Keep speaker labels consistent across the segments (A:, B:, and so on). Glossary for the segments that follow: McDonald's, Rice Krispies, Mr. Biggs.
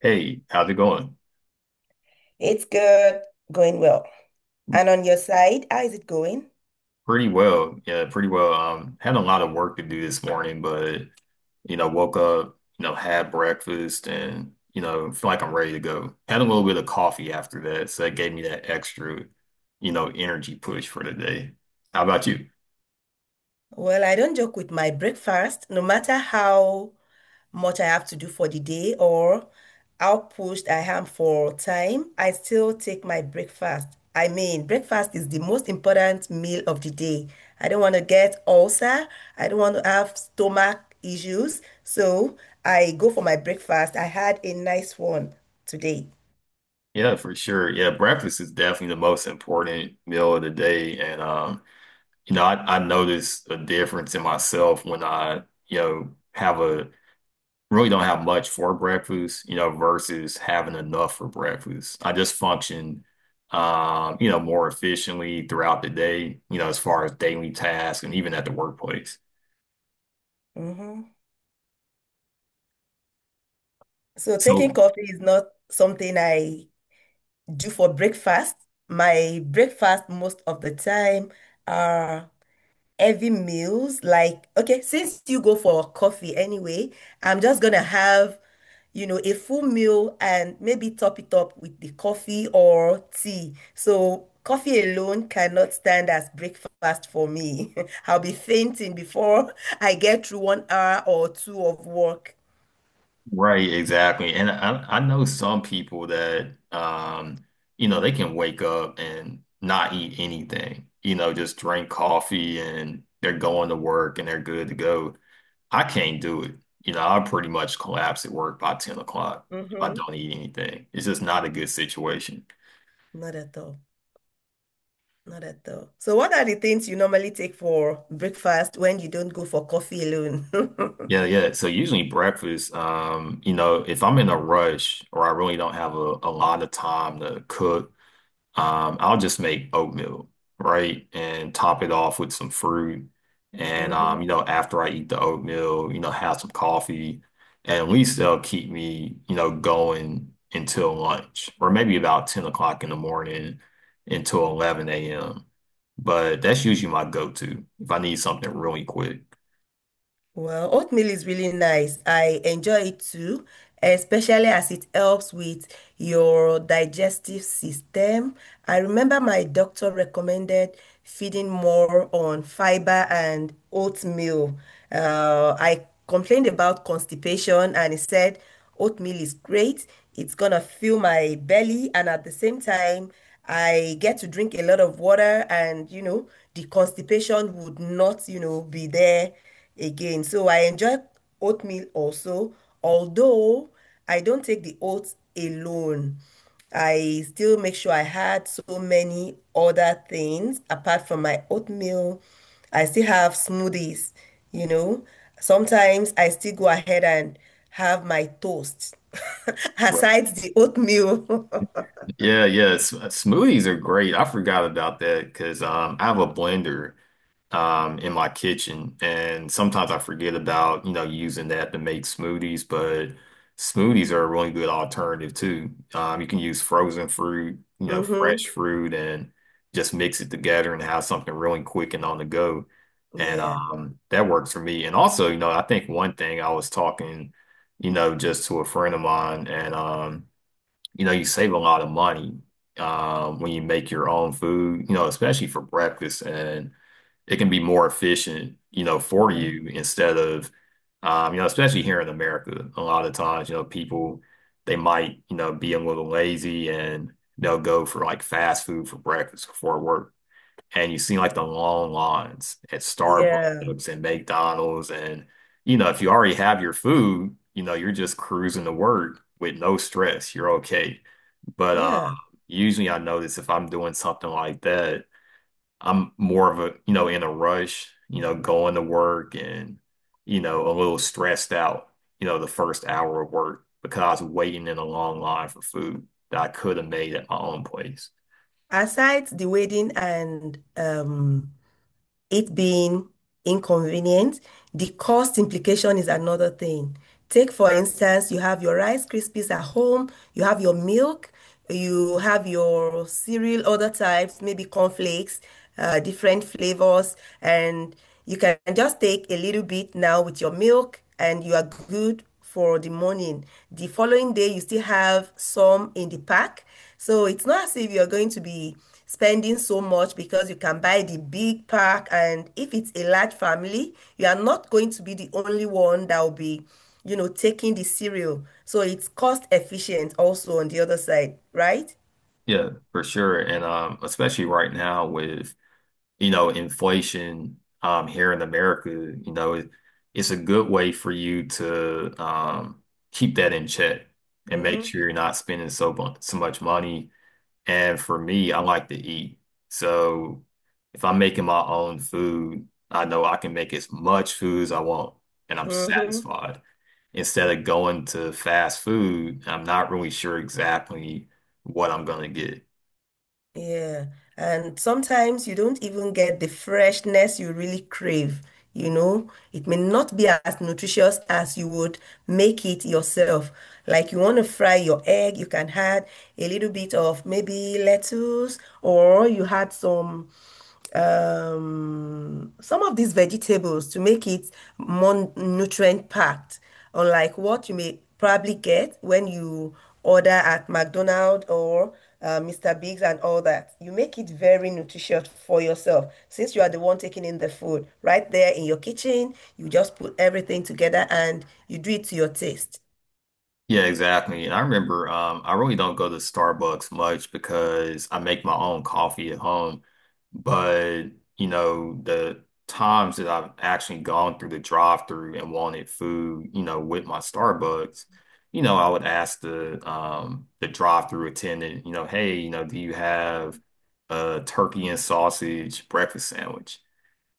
A: Hey, how's it going?
B: It's good, going well. And on your side, how is it going?
A: Pretty well. Yeah, pretty well. Had a lot of work to do this morning, but you know, woke up, had breakfast and feel like I'm ready to go. Had a little bit of coffee after that, so that gave me that extra, you know, energy push for the day. How about you?
B: Well, I don't joke with my breakfast, no matter how much I have to do for the day or how pushed I am for time, I still take my breakfast. I mean, breakfast is the most important meal of the day. I don't want to get ulcer. I don't want to have stomach issues. So I go for my breakfast. I had a nice one today.
A: Yeah, for sure. Yeah, breakfast is definitely the most important meal of the day. And you know, I notice a difference in myself when I, you know, have a really don't have much for breakfast, you know, versus having enough for breakfast. I just function, you know, more efficiently throughout the day, you know, as far as daily tasks and even at the workplace.
B: Mhm. So taking
A: So,
B: coffee is not something I do for breakfast. My breakfast most of the time are heavy meals. Like, okay, since you go for coffee anyway, I'm just gonna have, a full meal and maybe top it up with the coffee or tea. So coffee alone cannot stand as breakfast for me. I'll be fainting before I get through 1 hour or two of work.
A: right, exactly. And I know some people that, you know, they can wake up and not eat anything, you know, just drink coffee and they're going to work and they're good to go. I can't do it. You know, I pretty much collapse at work by 10 o'clock if I
B: Hmm.
A: don't eat anything. It's just not a good situation.
B: Not at all. Not at all. So, what are the things you normally take for breakfast when you don't go for coffee alone?
A: Yeah, yeah. So usually breakfast, you know, if I'm in a rush or I really don't have a lot of time to cook. I'll just make oatmeal, right? And top it off with some fruit. And
B: Mhm.
A: you know, after I eat the oatmeal, you know, have some coffee. And at least they'll keep me, you know, going until lunch, or maybe about 10 o'clock in the morning until 11 a.m. But that's usually my go-to if I need something really quick.
B: Well, oatmeal is really nice. I enjoy it too, especially as it helps with your digestive system. I remember my doctor recommended feeding more on fiber and oatmeal. I complained about constipation and he said oatmeal is great. It's gonna fill my belly and at the same time, I get to drink a lot of water and the constipation would not, be there again. So I enjoy oatmeal also, although I don't take the oats alone. I still make sure I had so many other things apart from my oatmeal. I still have smoothies, you know. Sometimes I still go ahead and have my toast
A: Right.
B: aside the oatmeal.
A: Yeah, yeah. Smoothies are great. I forgot about that because I have a blender in my kitchen. And sometimes I forget about, you know, using that to make smoothies, but smoothies are a really good alternative too. You can use frozen fruit, you know, fresh
B: Mm-hmm.
A: fruit and just mix it together and have something really quick and on the go. And
B: Yeah,
A: that works for me. And also, you know, I think one thing I was talking, you know, just to a friend of mine, and you know, you save a lot of money when you make your own food, you know, especially for breakfast. And it can be more efficient, you know, for
B: yeah,
A: you instead of, you know, especially here in America, a lot of times, you know, people they might, you know, be a little lazy and they'll go for like fast food for breakfast before work. And you see like the long lines at
B: yeah,
A: Starbucks and McDonald's and you know, if you already have your food, you know, you're just cruising to work with no stress. You're okay. But
B: yeah.
A: usually I notice if I'm doing something like that I'm more of a, you know, in a rush, you know, going to work and, you know, a little stressed out, you know, the first hour of work because I was waiting in a long line for food that I could have made at my own place.
B: Aside the wedding and it being inconvenient, the cost implication is another thing. Take, for instance, you have your Rice Krispies at home, you have your milk, you have your cereal, other types, maybe cornflakes, different flavors, and you can just take a little bit now with your milk, and you are good for the morning. The following day, you still have some in the pack. So it's not as if you're going to be spending so much because you can buy the big pack. And if it's a large family, you are not going to be the only one that will be, taking the cereal. So it's cost efficient also on the other side, right?
A: Yeah, for sure. And especially right now with you know, inflation here in America, you know, it's a good way for you to keep that in check and make
B: Mm-hmm.
A: sure you're not spending so much money. And for me, I like to eat. So if I'm making my own food, I know I can make as much food as I want and I'm
B: Mm-hmm.
A: satisfied. Instead of going to fast food, I'm not really sure exactly what I'm going to get.
B: Yeah, and sometimes you don't even get the freshness you really crave. It may not be as nutritious as you would make it yourself. Like you want to fry your egg, you can add a little bit of maybe lettuce, or you had some of these vegetables to make it more nutrient packed unlike what you may probably get when you order at McDonald's or Mr. Biggs and all that. You make it very nutritious for yourself since you are the one taking in the food right there in your kitchen. You just put everything together and you do it to your taste.
A: Yeah, exactly. And I really don't go to Starbucks much because I make my own coffee at home. But, you know, the times that I've actually gone through the drive-through and wanted food, you know, with my Starbucks, you know, I would ask the drive-through attendant, you know, hey, you know, do you have a turkey and sausage breakfast sandwich?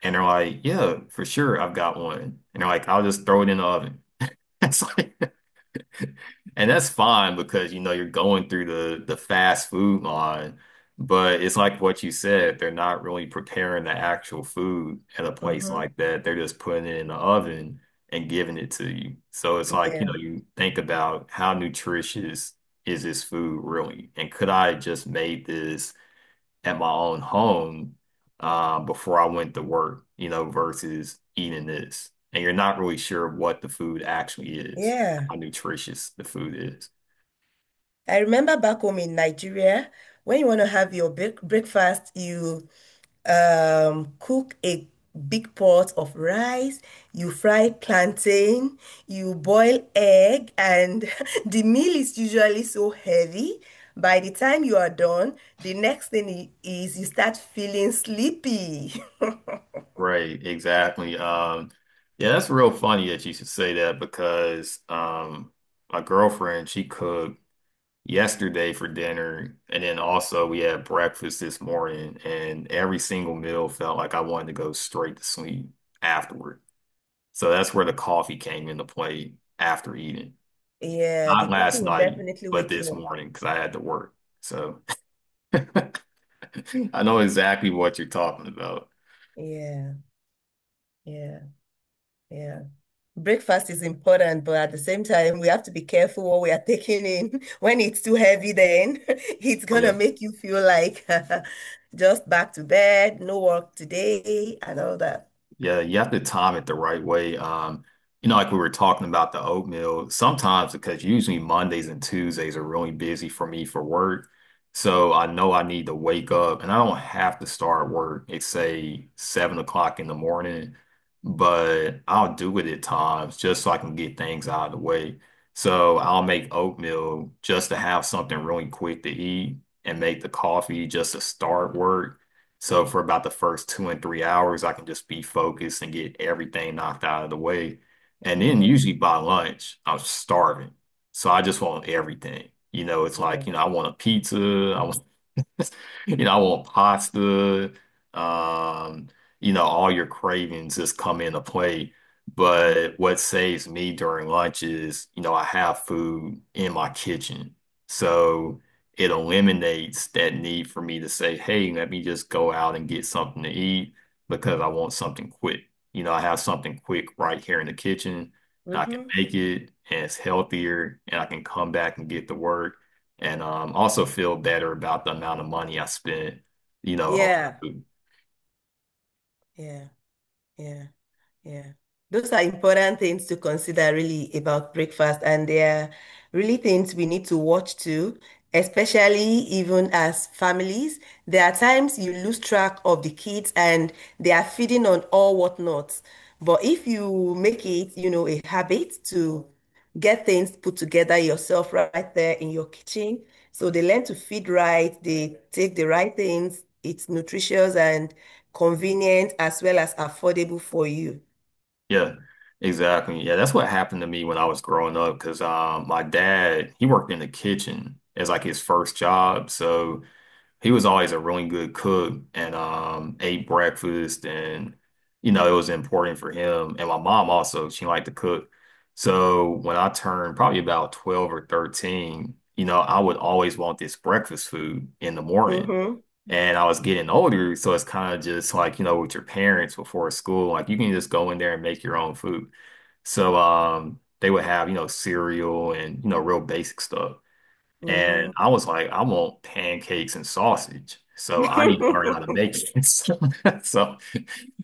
A: And they're like, yeah, for sure, I've got one. And they're like, I'll just throw it in the oven. It's like and that's fine because you know you're going through the fast food line, but it's like what you said, they're not really preparing the actual food at a place
B: Mhm.
A: like that. They're just putting it in the oven and giving it to you. So it's like, you
B: Yeah.
A: know, you think about how nutritious is this food really? And could I have just made this at my own home before I went to work, you know, versus eating this. And you're not really sure what the food actually is,
B: Yeah.
A: how nutritious the food is.
B: I remember back home in Nigeria, when you want to have your breakfast, you cook a big pot of rice, you fry plantain, you boil egg, and the meal is usually so heavy. By the time you are done, the next thing is you start feeling sleepy.
A: Right, exactly. Yeah, that's real funny that you should say that because my girlfriend, she cooked yesterday for dinner, and then also we had breakfast this morning, and every single meal felt like I wanted to go straight to sleep afterward. So that's where the coffee came into play after eating.
B: Yeah, the
A: Not
B: coffee
A: last
B: will
A: night,
B: definitely
A: but
B: wake you
A: this
B: up.
A: morning because I had to work. So I know exactly what you're talking about.
B: Yeah, yeah, yeah. Breakfast is important, but at the same time, we have to be careful what we are taking in. When it's too heavy, then it's
A: Oh
B: gonna
A: yeah.
B: make you feel like just back to bed, no work today, and all that.
A: Yeah, you have to time it the right way. You know, like we were talking about the oatmeal, sometimes because usually Mondays and Tuesdays are really busy for me for work. So I know I need to wake up and I don't have to start work at say 7 o'clock in the morning, but I'll do it at times just so I can get things out of the way. So I'll make oatmeal just to have something really quick to eat and make the coffee just to start work. So for about the first two and three hours, I can just be focused and get everything knocked out of the way. And then
B: Hmm.
A: usually by lunch, I'm starving. So I just want everything. You know, it's like,
B: Yeah.
A: you know, I want a pizza. I want You know, I want pasta. Um, you know, all your cravings just come into play.
B: Mm-hmm.
A: But what saves me during lunch is, you know, I have food in my kitchen. So it eliminates that need for me to say, hey, let me just go out and get something to eat because I want something quick. You know, I have something quick right here in the kitchen. And I can
B: Mm-hmm.
A: make it and it's healthier and I can come back and get to work and also feel better about the amount of money I spent, you know, on
B: Yeah.
A: food.
B: Yeah. Yeah. Yeah. Those are important things to consider really about breakfast, and they are really things we need to watch too, especially even as families. There are times you lose track of the kids and they are feeding on all whatnots. But if you make it, a habit to get things put together yourself right there in your kitchen, so they learn to feed right, they take the right things, it's nutritious and convenient as well as affordable for you.
A: Yeah, exactly. Yeah, that's what happened to me when I was growing up because my dad, he worked in the kitchen as like his first job. So he was always a really good cook and ate breakfast and you know it was important for him. And my mom also, she liked to cook. So when I turned probably about 12 or 13, you know, I would always want this breakfast food in the morning.
B: Mm-hmm.
A: And I was getting older, so it's kind of just like, you know, with your parents before school, like you can just go in there and make your own food. So they would have, you know, cereal and, you know, real basic stuff.
B: Mm-hmm.
A: And I was like, I want pancakes and sausage. So I need to learn how to make it. So,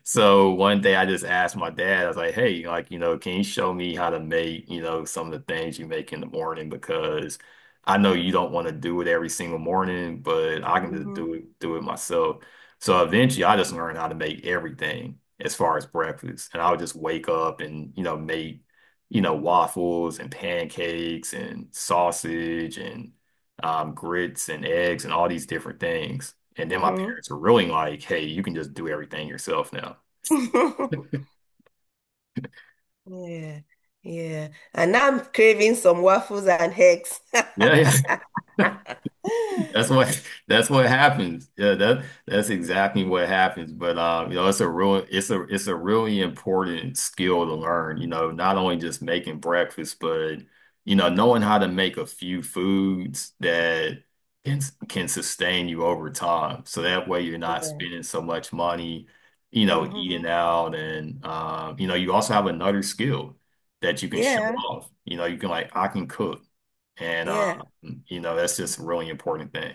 A: so one day I just asked my dad, I was like, hey, like, you know, can you show me how to make, you know, some of the things you make in the morning? Because I know you don't want to do it every single morning, but I can just
B: Mm-hmm.
A: do it myself. So eventually I just learned how to make everything as far as breakfast. And I would just wake up and, you know, make, you know, waffles and pancakes and sausage and grits and eggs and all these different things. And then my
B: Mm-hmm.
A: parents were really like, hey, you can just do everything yourself now.
B: Yeah. Yeah. And now I'm craving some waffles and eggs.
A: Yeah. That's what that's what happens. Yeah, that's exactly what happens. But you know, it's a real it's a really important skill to learn, you know, not only just making breakfast, but you know, knowing how to make a few foods that can can sustain you over time. So that way you're not
B: Yeah.
A: spending so much money, you know, eating
B: Mm-hmm.
A: out and you know, you also have another skill that you can show
B: Yeah.
A: off. You know, you can like I can cook. And
B: Yeah.
A: you know, that's just a really important thing.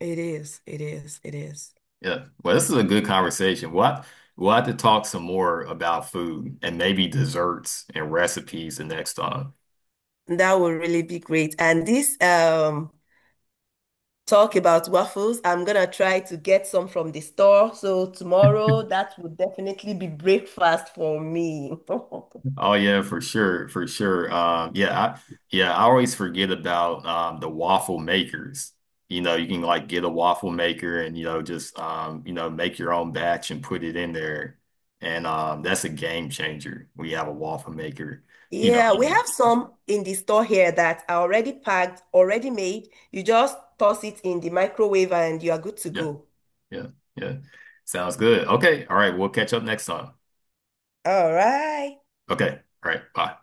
B: It is. It is. It is.
A: Yeah. Well, this is a good conversation. We'll have to talk some more about food and maybe desserts and recipes the next time.
B: That will really be great. And this talk about waffles, I'm gonna try to get some from the store. So tomorrow that will definitely be breakfast for me.
A: Oh yeah, for sure, for sure. Yeah, I always forget about the waffle makers. You know, you can like get a waffle maker and you know just you know make your own batch and put it in there, and that's a game changer. We have a waffle maker, you know,
B: Yeah, we
A: in the
B: have
A: kitchen.
B: some in the store here that are already packed, already made. You just toss it in the microwave and you are good to
A: Yeah.
B: go.
A: Yeah. Yeah. Sounds good. Okay. All right. We'll catch up next time.
B: All right.
A: Okay. All right. Bye.